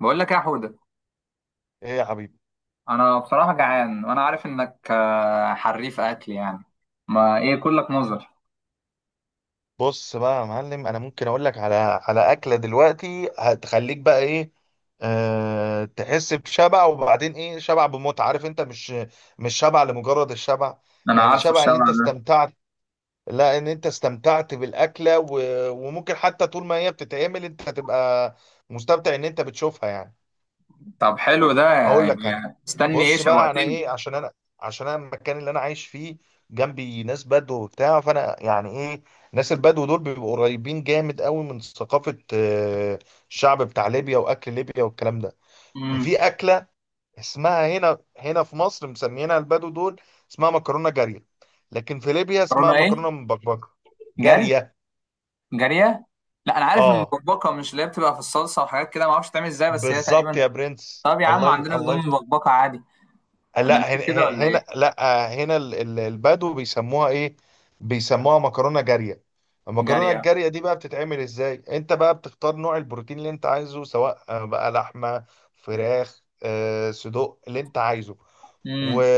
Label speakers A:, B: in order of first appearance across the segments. A: بقول لك إيه يا حودة.
B: ايه يا حبيبي.
A: انا بصراحة جعان وانا عارف انك حريف اكل يعني. ما ايه كلك نظر.
B: بص بقى يا معلم، انا ممكن اقول لك على اكله دلوقتي هتخليك بقى ايه. تحس بشبع، وبعدين ايه، شبع بمتعه. عارف انت مش شبع لمجرد الشبع،
A: انا
B: يعني
A: عارفه
B: شبع ان
A: الشبع
B: انت
A: ده.
B: استمتعت. لا، ان انت استمتعت بالاكله، وممكن حتى طول ما هي بتتعمل انت هتبقى مستمتع ان انت بتشوفها يعني.
A: طب حلو ده
B: هقول
A: يعني.
B: لك انا.
A: استني ايه،
B: بص بقى، انا
A: شوقتني.
B: ايه، عشان انا المكان اللي انا عايش فيه جنبي ناس بدو وبتاع، فانا يعني ايه، ناس البدو دول بيبقوا قريبين جامد قوي من ثقافة الشعب بتاع ليبيا، واكل ليبيا والكلام ده. ففي
A: امم
B: اكلة اسمها، هنا في مصر مسميينها البدو دول، اسمها مكرونة جارية، لكن في ليبيا اسمها
A: مكرونة ايه؟
B: مكرونة مبكبكة.
A: جري؟
B: جارية،
A: جارية؟ لا انا عارف
B: اه
A: المبكبكة، مش اللي هي بتبقى في الصلصة وحاجات كده؟ ما اعرفش بتعمل ازاي، بس هي
B: بالظبط
A: تقريبا.
B: يا برنس.
A: طب يا عم عندنا
B: الله
A: بنقول
B: يفتح.
A: مبكبكة عادي. انا ليه
B: لا،
A: كده ولا ايه؟
B: لا، هنا البدو بيسموها ايه، بيسموها مكرونه جاريه. المكرونه
A: جارية.
B: الجاريه دي بقى بتتعمل ازاي، انت بقى بتختار نوع البروتين اللي انت عايزه، سواء بقى لحمه، فراخ، صدوق اللي انت عايزه. و...
A: امم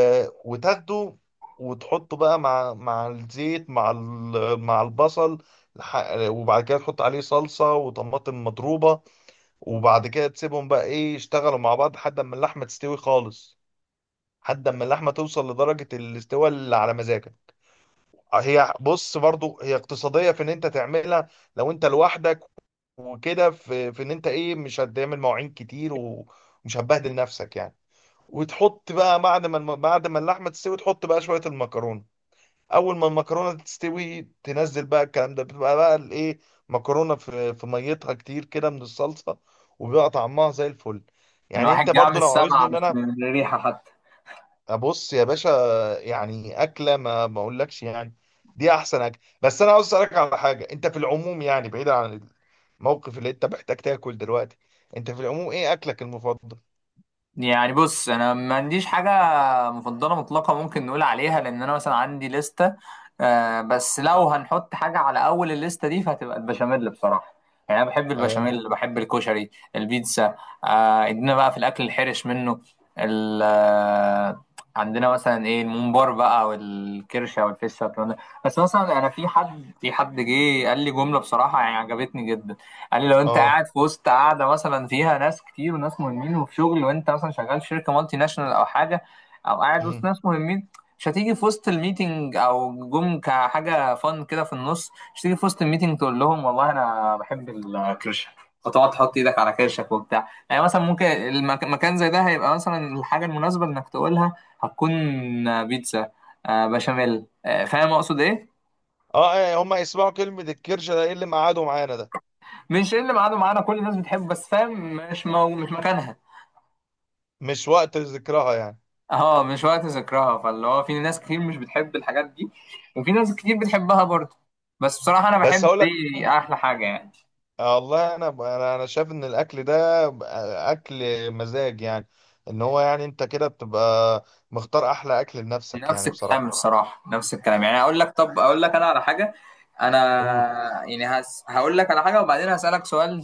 B: وتاخده وتحطه بقى مع الزيت، مع مع البصل. وبعد كده تحط عليه صلصه وطماطم مضروبه، وبعد كده تسيبهم بقى ايه يشتغلوا مع بعض لحد ما اللحمه تستوي خالص، لحد اما اللحمه توصل لدرجه الاستواء اللي على مزاجك. هي بص، برضو هي اقتصاديه في ان انت تعملها لو انت لوحدك، وكده، في ان انت ايه، مش هتعمل مواعين كتير ومش هتبهدل نفسك يعني. وتحط بقى بعد ما بعد ما اللحمه تستوي، تحط بقى شويه المكرونه. اول ما المكرونه تستوي تنزل بقى الكلام ده، بتبقى بقى الايه، مكرونه في ميتها كتير كده من الصلصه، وبيبقى طعمها زي الفل. يعني انت
A: الواحد جاع من
B: برضو لو عاوزني
A: السمع
B: ان
A: مش
B: انا
A: من الريحة حتى.
B: ابص يا باشا، يعني اكله ما اقولكش يعني دي احسن اكل. بس انا عاوز اسالك على حاجه، انت في العموم، يعني بعيدا عن الموقف اللي انت محتاج تاكل دلوقتي، انت في العموم ايه اكلك المفضل؟
A: يعني بص، انا ما عنديش حاجه مفضله مطلقه ممكن نقول عليها، لان انا مثلا عندي لسته. آه بس لو هنحط حاجه على اول الليسته دي فهتبقى البشاميل بصراحه. يعني انا بحب
B: اه م-
A: البشاميل، بحب الكشري، البيتزا. آه، ادينا بقى في الاكل الحرش منه. ال آه، عندنا مثلا ايه الممبار بقى والكرشه والفشه والكلام ده. بس مثلا انا في حد جه قال لي جمله بصراحه يعني عجبتني جدا. قال لي لو انت
B: اه،
A: قاعد في وسط قاعده مثلا فيها ناس كتير وناس مهمين وفي شغل، وانت مثلا شغال في شركه مالتي ناشونال او حاجه، او قاعد وسط
B: مم.
A: ناس مهمين، مش هتيجي في وسط الميتنج او جم كحاجه فن كده في النص، مش هتيجي في وسط الميتنج تقول لهم والله انا بحب الكرشه، وتقعد تحط ايدك على كرشك وبتاع. يعني مثلا ممكن مكان زي ده هيبقى مثلا الحاجه المناسبه انك تقولها هتكون بيتزا، بشاميل. فاهم اقصد ايه؟
B: اه هما يسمعوا كلمه الكرشه، ده ايه اللي معادوا معانا ده،
A: مش ايه اللي معانا، كل الناس بتحبه، بس فاهم مش مش مكانها.
B: مش وقت ذكرها يعني.
A: اه مش وقت ذكرها، فاللي هو في ناس كتير مش بتحب الحاجات دي، وفي ناس كتير بتحبها برضه. بس بصراحة أنا
B: بس
A: بحب
B: اقول لك،
A: دي أحلى حاجة يعني.
B: والله انا شايف ان الاكل ده اكل مزاج يعني، ان هو يعني انت كده بتبقى مختار احلى اكل لنفسك
A: نفس
B: يعني
A: الكلام
B: بصراحه.
A: الصراحة، نفس الكلام. يعني أقول لك، طب أقول لك أنا على حاجة. أنا
B: قول.
A: يعني هقول لك على حاجة وبعدين هسألك سؤال،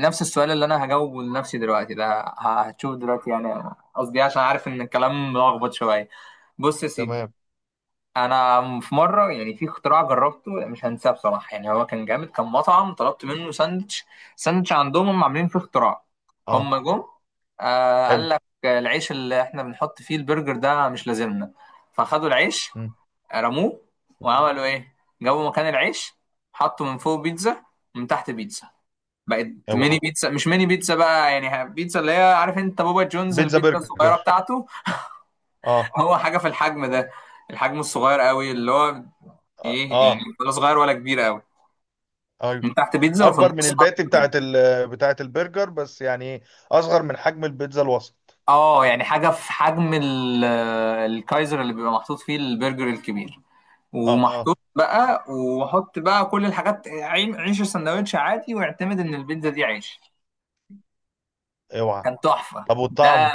A: نفس السؤال اللي أنا هجاوبه لنفسي دلوقتي ده. هتشوف دلوقتي يعني قصدي إيه، عشان عارف إن الكلام ملخبط شوية. بص يا سيدي،
B: تمام.
A: انا في مره يعني في اختراع جربته يعني مش هنساه بصراحه. يعني هو كان جامد، كان مطعم طلبت منه ساندوتش. ساندوتش عندهم هم عاملين فيه اختراع.
B: اه.
A: هم جم، آه،
B: حلو.
A: قال لك العيش اللي احنا بنحط فيه البرجر ده مش لازمنا. فخدوا العيش،
B: مم.
A: رموه،
B: مم.
A: وعملوا ايه؟ جابوا مكان العيش حطوا من فوق بيتزا ومن تحت بيتزا، بقت ميني
B: اوعى.
A: بيتزا. مش ميني بيتزا بقى، يعني بيتزا اللي هي عارف انت بابا جونز،
B: بيتزا
A: البيتزا الصغيره
B: برجر،
A: بتاعته.
B: اه.
A: هو حاجه في الحجم ده، الحجم الصغير قوي اللي هو
B: اه
A: ايه يعني، ولا صغير ولا كبير قوي.
B: ايوه.
A: من تحت بيتزا وفي
B: اكبر من
A: النص حط
B: الباتي
A: برجر.
B: بتاعت بتاعت البرجر بس يعني، اصغر من حجم البيتزا الوسط.
A: اه يعني حاجة في حجم الكايزر اللي بيبقى محطوط فيه البرجر الكبير،
B: اه
A: ومحطوط بقى وحط بقى كل الحاجات عيش السندوتش عادي، واعتمد ان البيتزا دي عيش.
B: اوعى.
A: كان تحفه
B: طب
A: ده.
B: والطعم؟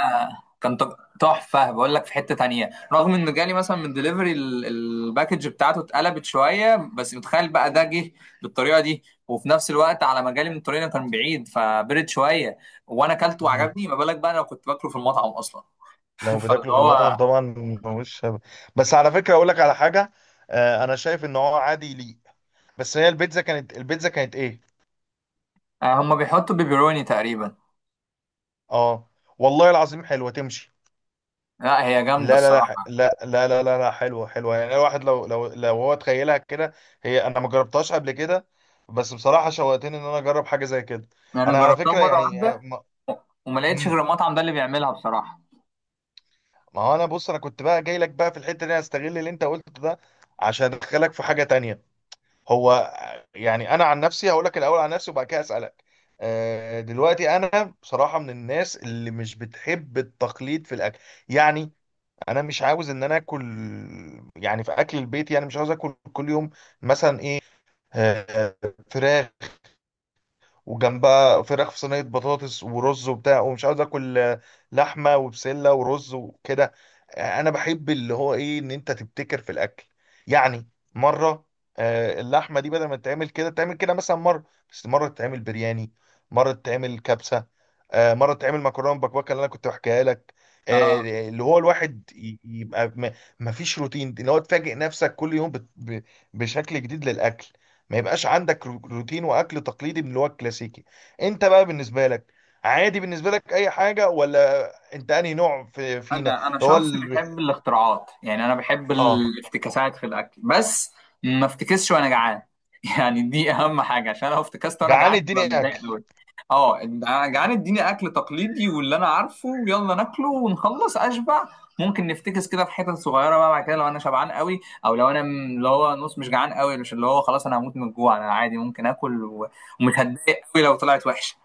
A: كان تحفه. بقول لك في حته تانية، رغم انه جالي مثلا من دليفري الباكج بتاعته اتقلبت شويه، بس متخيل بقى ده جه بالطريقه دي، وفي نفس الوقت على ما جالي من الطريق كان بعيد فبرد شويه، وانا اكلته
B: مم.
A: وعجبني. ما بالك بقى انا كنت باكله في المطعم اصلا.
B: لو
A: فاللي
B: بتاكله في المطعم
A: هو،
B: طبعا. مش هب- بس على فكره اقول لك على حاجه، انا شايف ان هو عادي ليه. بس هي البيتزا كانت، البيتزا كانت ايه.
A: هم بيحطوا بيبروني تقريبا.
B: اه، والله العظيم حلوه تمشي.
A: لا هي جامده
B: لا، لا لا ح-
A: الصراحه.
B: لا لا لا لا لا حلوة حلوة يعني. الواحد لو لو هو تخيلها كده، هي انا ما جربتهاش قبل كده بس بصراحة شوقتني ان انا اجرب حاجة زي كده.
A: يعني انا
B: انا على
A: جربتها
B: فكرة
A: مره
B: يعني
A: واحده،
B: ما.
A: وما لقيتش
B: مم.
A: غير المطعم ده اللي بيعملها بصراحه.
B: ما هو انا بص، انا كنت بقى جاي لك بقى في الحتة دي، هستغل اللي انت قلته ده عشان ادخلك في حاجة تانية. هو يعني انا عن نفسي هقول لك الاول عن نفسي وبعد كده اسألك. دلوقتي انا بصراحة من الناس اللي مش بتحب التقليد في الاكل، يعني انا مش عاوز ان انا اكل، يعني في اكل البيت، يعني مش عاوز اكل كل يوم مثلا ايه، آه، فراخ، وجنبها فراخ في صينيه بطاطس ورز وبتاع، ومش عاوز اكل لحمه وبسله ورز وكده. انا بحب اللي هو ايه، ان انت تبتكر في الاكل يعني. مره اللحمه دي بدل ما تتعمل كده تعمل كده مثلا، مره بس، مره تتعمل برياني، مره تتعمل كبسه، مره تتعمل مكرونه بكبكه اللي انا كنت بحكيها لك.
A: اه
B: اللي هو الواحد يبقى ما فيش روتين، اللي هو تفاجئ نفسك كل يوم بشكل جديد للاكل. ما يبقاش عندك روتين واكل تقليدي من اللي هو الكلاسيكي. انت بقى بالنسبه لك، عادي بالنسبه لك اي حاجه، ولا انت انهي نوع في فينا
A: انا
B: اللي هو
A: شخص بيحب الاختراعات. يعني انا بحب
B: اه.
A: الافتكاسات في الاكل، بس ما افتكسش وانا جعان. يعني دي اهم حاجه، عشان لو افتكست وانا
B: جعان
A: جعان ببقى
B: اديني
A: متضايق
B: اكل.
A: قوي. اه أنا جعان اديني اكل تقليدي واللي انا عارفه، ويلا ناكله ونخلص اشبع. ممكن نفتكس كده في حتت صغيره بقى بعد كده لو انا شبعان قوي، او لو انا اللي هو نص مش جعان قوي، مش اللي هو خلاص انا هموت من الجوع. انا عادي ممكن اكل ومش هتضايق قوي لو طلعت وحشه.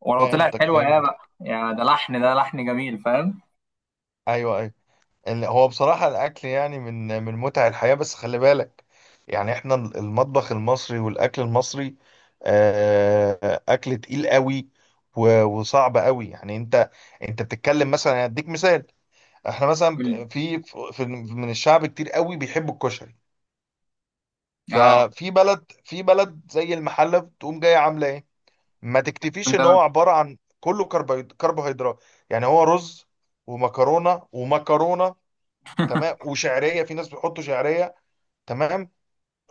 A: ولو طلعت
B: فهمتك،
A: حلوه يا
B: فهمت.
A: بقى يا ده لحن، ده لحن جميل، فاهم.
B: ايوه ايوه. هو بصراحه الاكل يعني من من متع الحياه، بس خلي بالك يعني احنا المطبخ المصري والاكل المصري اكل تقيل قوي، وصعب قوي يعني. انت انت بتتكلم مثلا، هديك مثال، احنا مثلا في، من الشعب كتير قوي بيحبوا الكشري،
A: اه
B: ففي بلد، في بلد زي المحلة بتقوم جاية عاملة ايه، ما تكتفيش ان هو
A: سندوتش.
B: عبارة عن كله كربوهيدرات، يعني هو رز ومكرونة تمام، وشعرية، في ناس بيحطوا شعرية، تمام،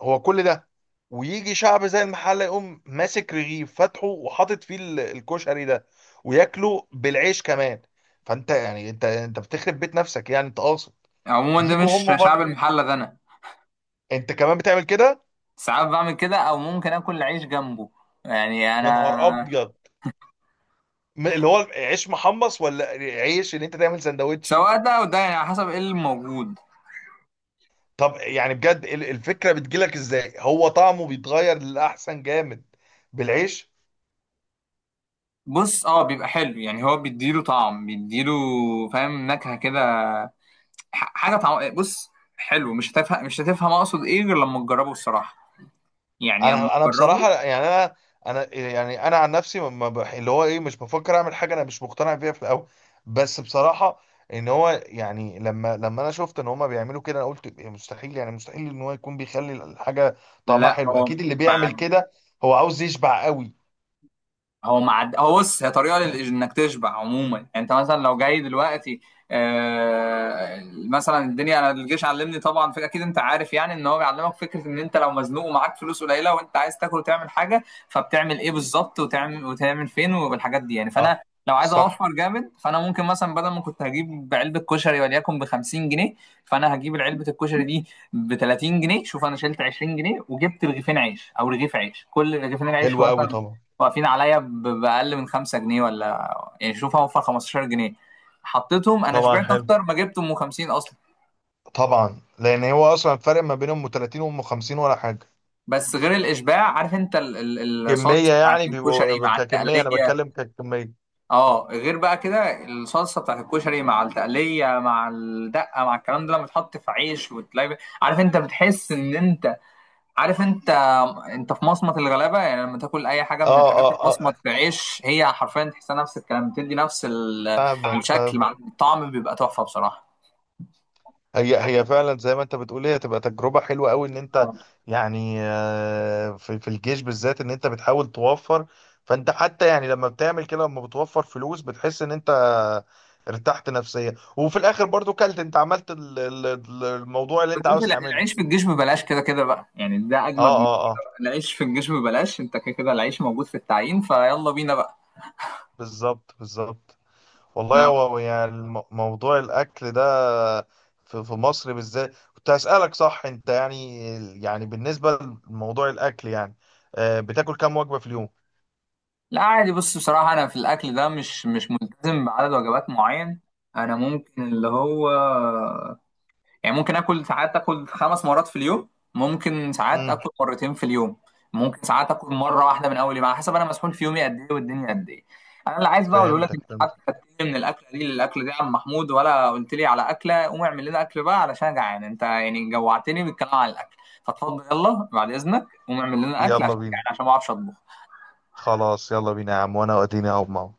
B: هو كل ده، ويجي شعب زي المحلة يقوم ماسك رغيف فاتحه وحاطط فيه الكشري ده وياكله بالعيش كمان. فانت يعني انت بتخرب بيت نفسك يعني، انت قاصد
A: عموما ده
B: يجوا
A: مش
B: هم
A: شعب
B: برضه؟
A: المحلة، ده انا
B: انت كمان بتعمل كده؟
A: ساعات بعمل كده، او ممكن اكل عيش جنبه. يعني
B: يا نهار
A: انا
B: ابيض. اللي هو عيش محمص، ولا عيش ان انت تعمل سندوتش؟
A: سواء ده او ده، يعني على حسب ايه الموجود.
B: طب يعني بجد الفكره بتجيلك ازاي، هو طعمه بيتغير للاحسن جامد بالعيش؟
A: بص اه بيبقى حلو، يعني هو بيديله طعم، بيديله فاهم نكهة كده، حاجة طعم. بص حلو مش هتفهم، مش هتفهم اقصد ايه غير لما تجربه الصراحة. يعني اما
B: انا
A: تجربه.
B: بصراحه يعني انا يعني انا عن نفسي ما ما بح- اللي هو ايه، مش بفكر اعمل حاجه انا مش مقتنع بيها في الاول. بس بصراحه، ان هو يعني لما انا شفت ان هما بيعملوا كده، انا قلت إيه، مستحيل، يعني مستحيل ان هو يكون بيخلي الحاجه طعمها
A: لا
B: حلو.
A: اه
B: اكيد اللي بيعمل كده هو عاوز يشبع قوي.
A: هو معد، هو بص هي طريقه انك تشبع عموما. يعني انت مثلا لو جاي دلوقتي، آه مثلا الدنيا، انا الجيش علمني طبعا، في اكيد انت عارف يعني ان هو بيعلمك فكره ان انت لو مزنوق ومعاك فلوس قليله وانت عايز تاكل وتعمل حاجه، فبتعمل ايه بالظبط، وتعمل، وتعمل فين، والحاجات دي يعني. فانا
B: اه.
A: لو عايز
B: صح.
A: اوفر جامد، فانا ممكن مثلا بدل ما كنت هجيب علبه كشري وليكن ب 50 جنيه، فانا هجيب علبه الكشري دي ب 30 جنيه. شوف انا شلت 20 جنيه وجبت رغيفين عيش، او رغيف عيش، كل رغيفين العيش
B: حلو قوي
A: مثلا
B: طبعا.
A: واقفين عليا بأقل من 5 جنيه ولا يعني. شوف هوفر 15 جنيه حطيتهم، أنا
B: طبعا
A: شبعت
B: حلو.
A: أكتر ما جبتهم 50 أصلا.
B: طبعا، لان هو اصلا الفرق ما بينهم 30 وام 50 ولا حاجه.
A: بس غير الإشباع، عارف أنت الصلصة
B: كميه
A: بتاعت
B: يعني،
A: الكشري
B: بيبقوا
A: مع
B: ككميه، انا
A: التقلية؟
B: بتكلم ككميه.
A: أه غير بقى كده الصلصة بتاعت الكشري مع التقلية مع الدقة مع الكلام ده لما تحط في عيش وتلاقي، عارف أنت بتحس إن أنت، عارف انت، انت في مصمت الغلابه. يعني لما تاكل اي حاجه
B: اه
A: من الحاجات في
B: اه
A: مصمت
B: اه.
A: في عيش، هي حرفيا تحسها نفس الكلام، بتدي نفس
B: فاهمك
A: الشكل، مع
B: فاهمك.
A: الطعم بيبقى تحفه بصراحه
B: هي هي فعلا زي ما انت بتقول، هي تبقى تجربه حلوه قوي ان انت
A: طبعا.
B: يعني في في الجيش بالذات، ان انت بتحاول توفر. فانت حتى يعني لما بتعمل كده، لما بتوفر فلوس بتحس ان انت ارتحت نفسيا، وفي الاخر برضو كلت، انت عملت الموضوع اللي انت
A: بالذات
B: عاوز تعمله.
A: العيش في الجيش ببلاش كده كده بقى، يعني ده
B: اه
A: اجمد من
B: اه اه.
A: العيش في الجيش ببلاش. انت كده كده العيش موجود في التعيين، فيلا بينا بقى.
B: بالظبط بالظبط. والله،
A: لا
B: هو يعني موضوع الاكل ده في في مصر بالذات. كنت هسألك، صح انت يعني، يعني بالنسبة لموضوع الاكل يعني بتاكل كام وجبة في اليوم؟
A: لا عادي. بص بصراحه انا في الاكل ده مش، ملتزم بعدد وجبات معين. انا ممكن اللي هو، يعني ممكن اكل ساعات اكل 5 مرات في اليوم، ممكن ساعات
B: امم.
A: اكل مرتين في اليوم، ممكن ساعات اكل مره واحده من اول يوم، على حسب انا مسحول في يومي قد ايه والدنيا قد ايه. انا اللي عايز بقى اقوله لك،
B: فهمتك
A: انت قعدت
B: فهمتك.
A: تتكلم من الاكله دي للاكله دي يا عم محمود، ولا قلت لي على اكله؟ قوم اعمل لنا اكل بقى علشان أنا جعان، انت يعني جوعتني بالكلام على الاكل. فاتفضل يلا بعد اذنك قوم اعمل لنا اكل
B: يلا
A: عشان
B: بينا.
A: جعان، عشان ما اعرفش اطبخ.
B: خلاص يلا بينا يا عم، وانا واديني اهو معاك.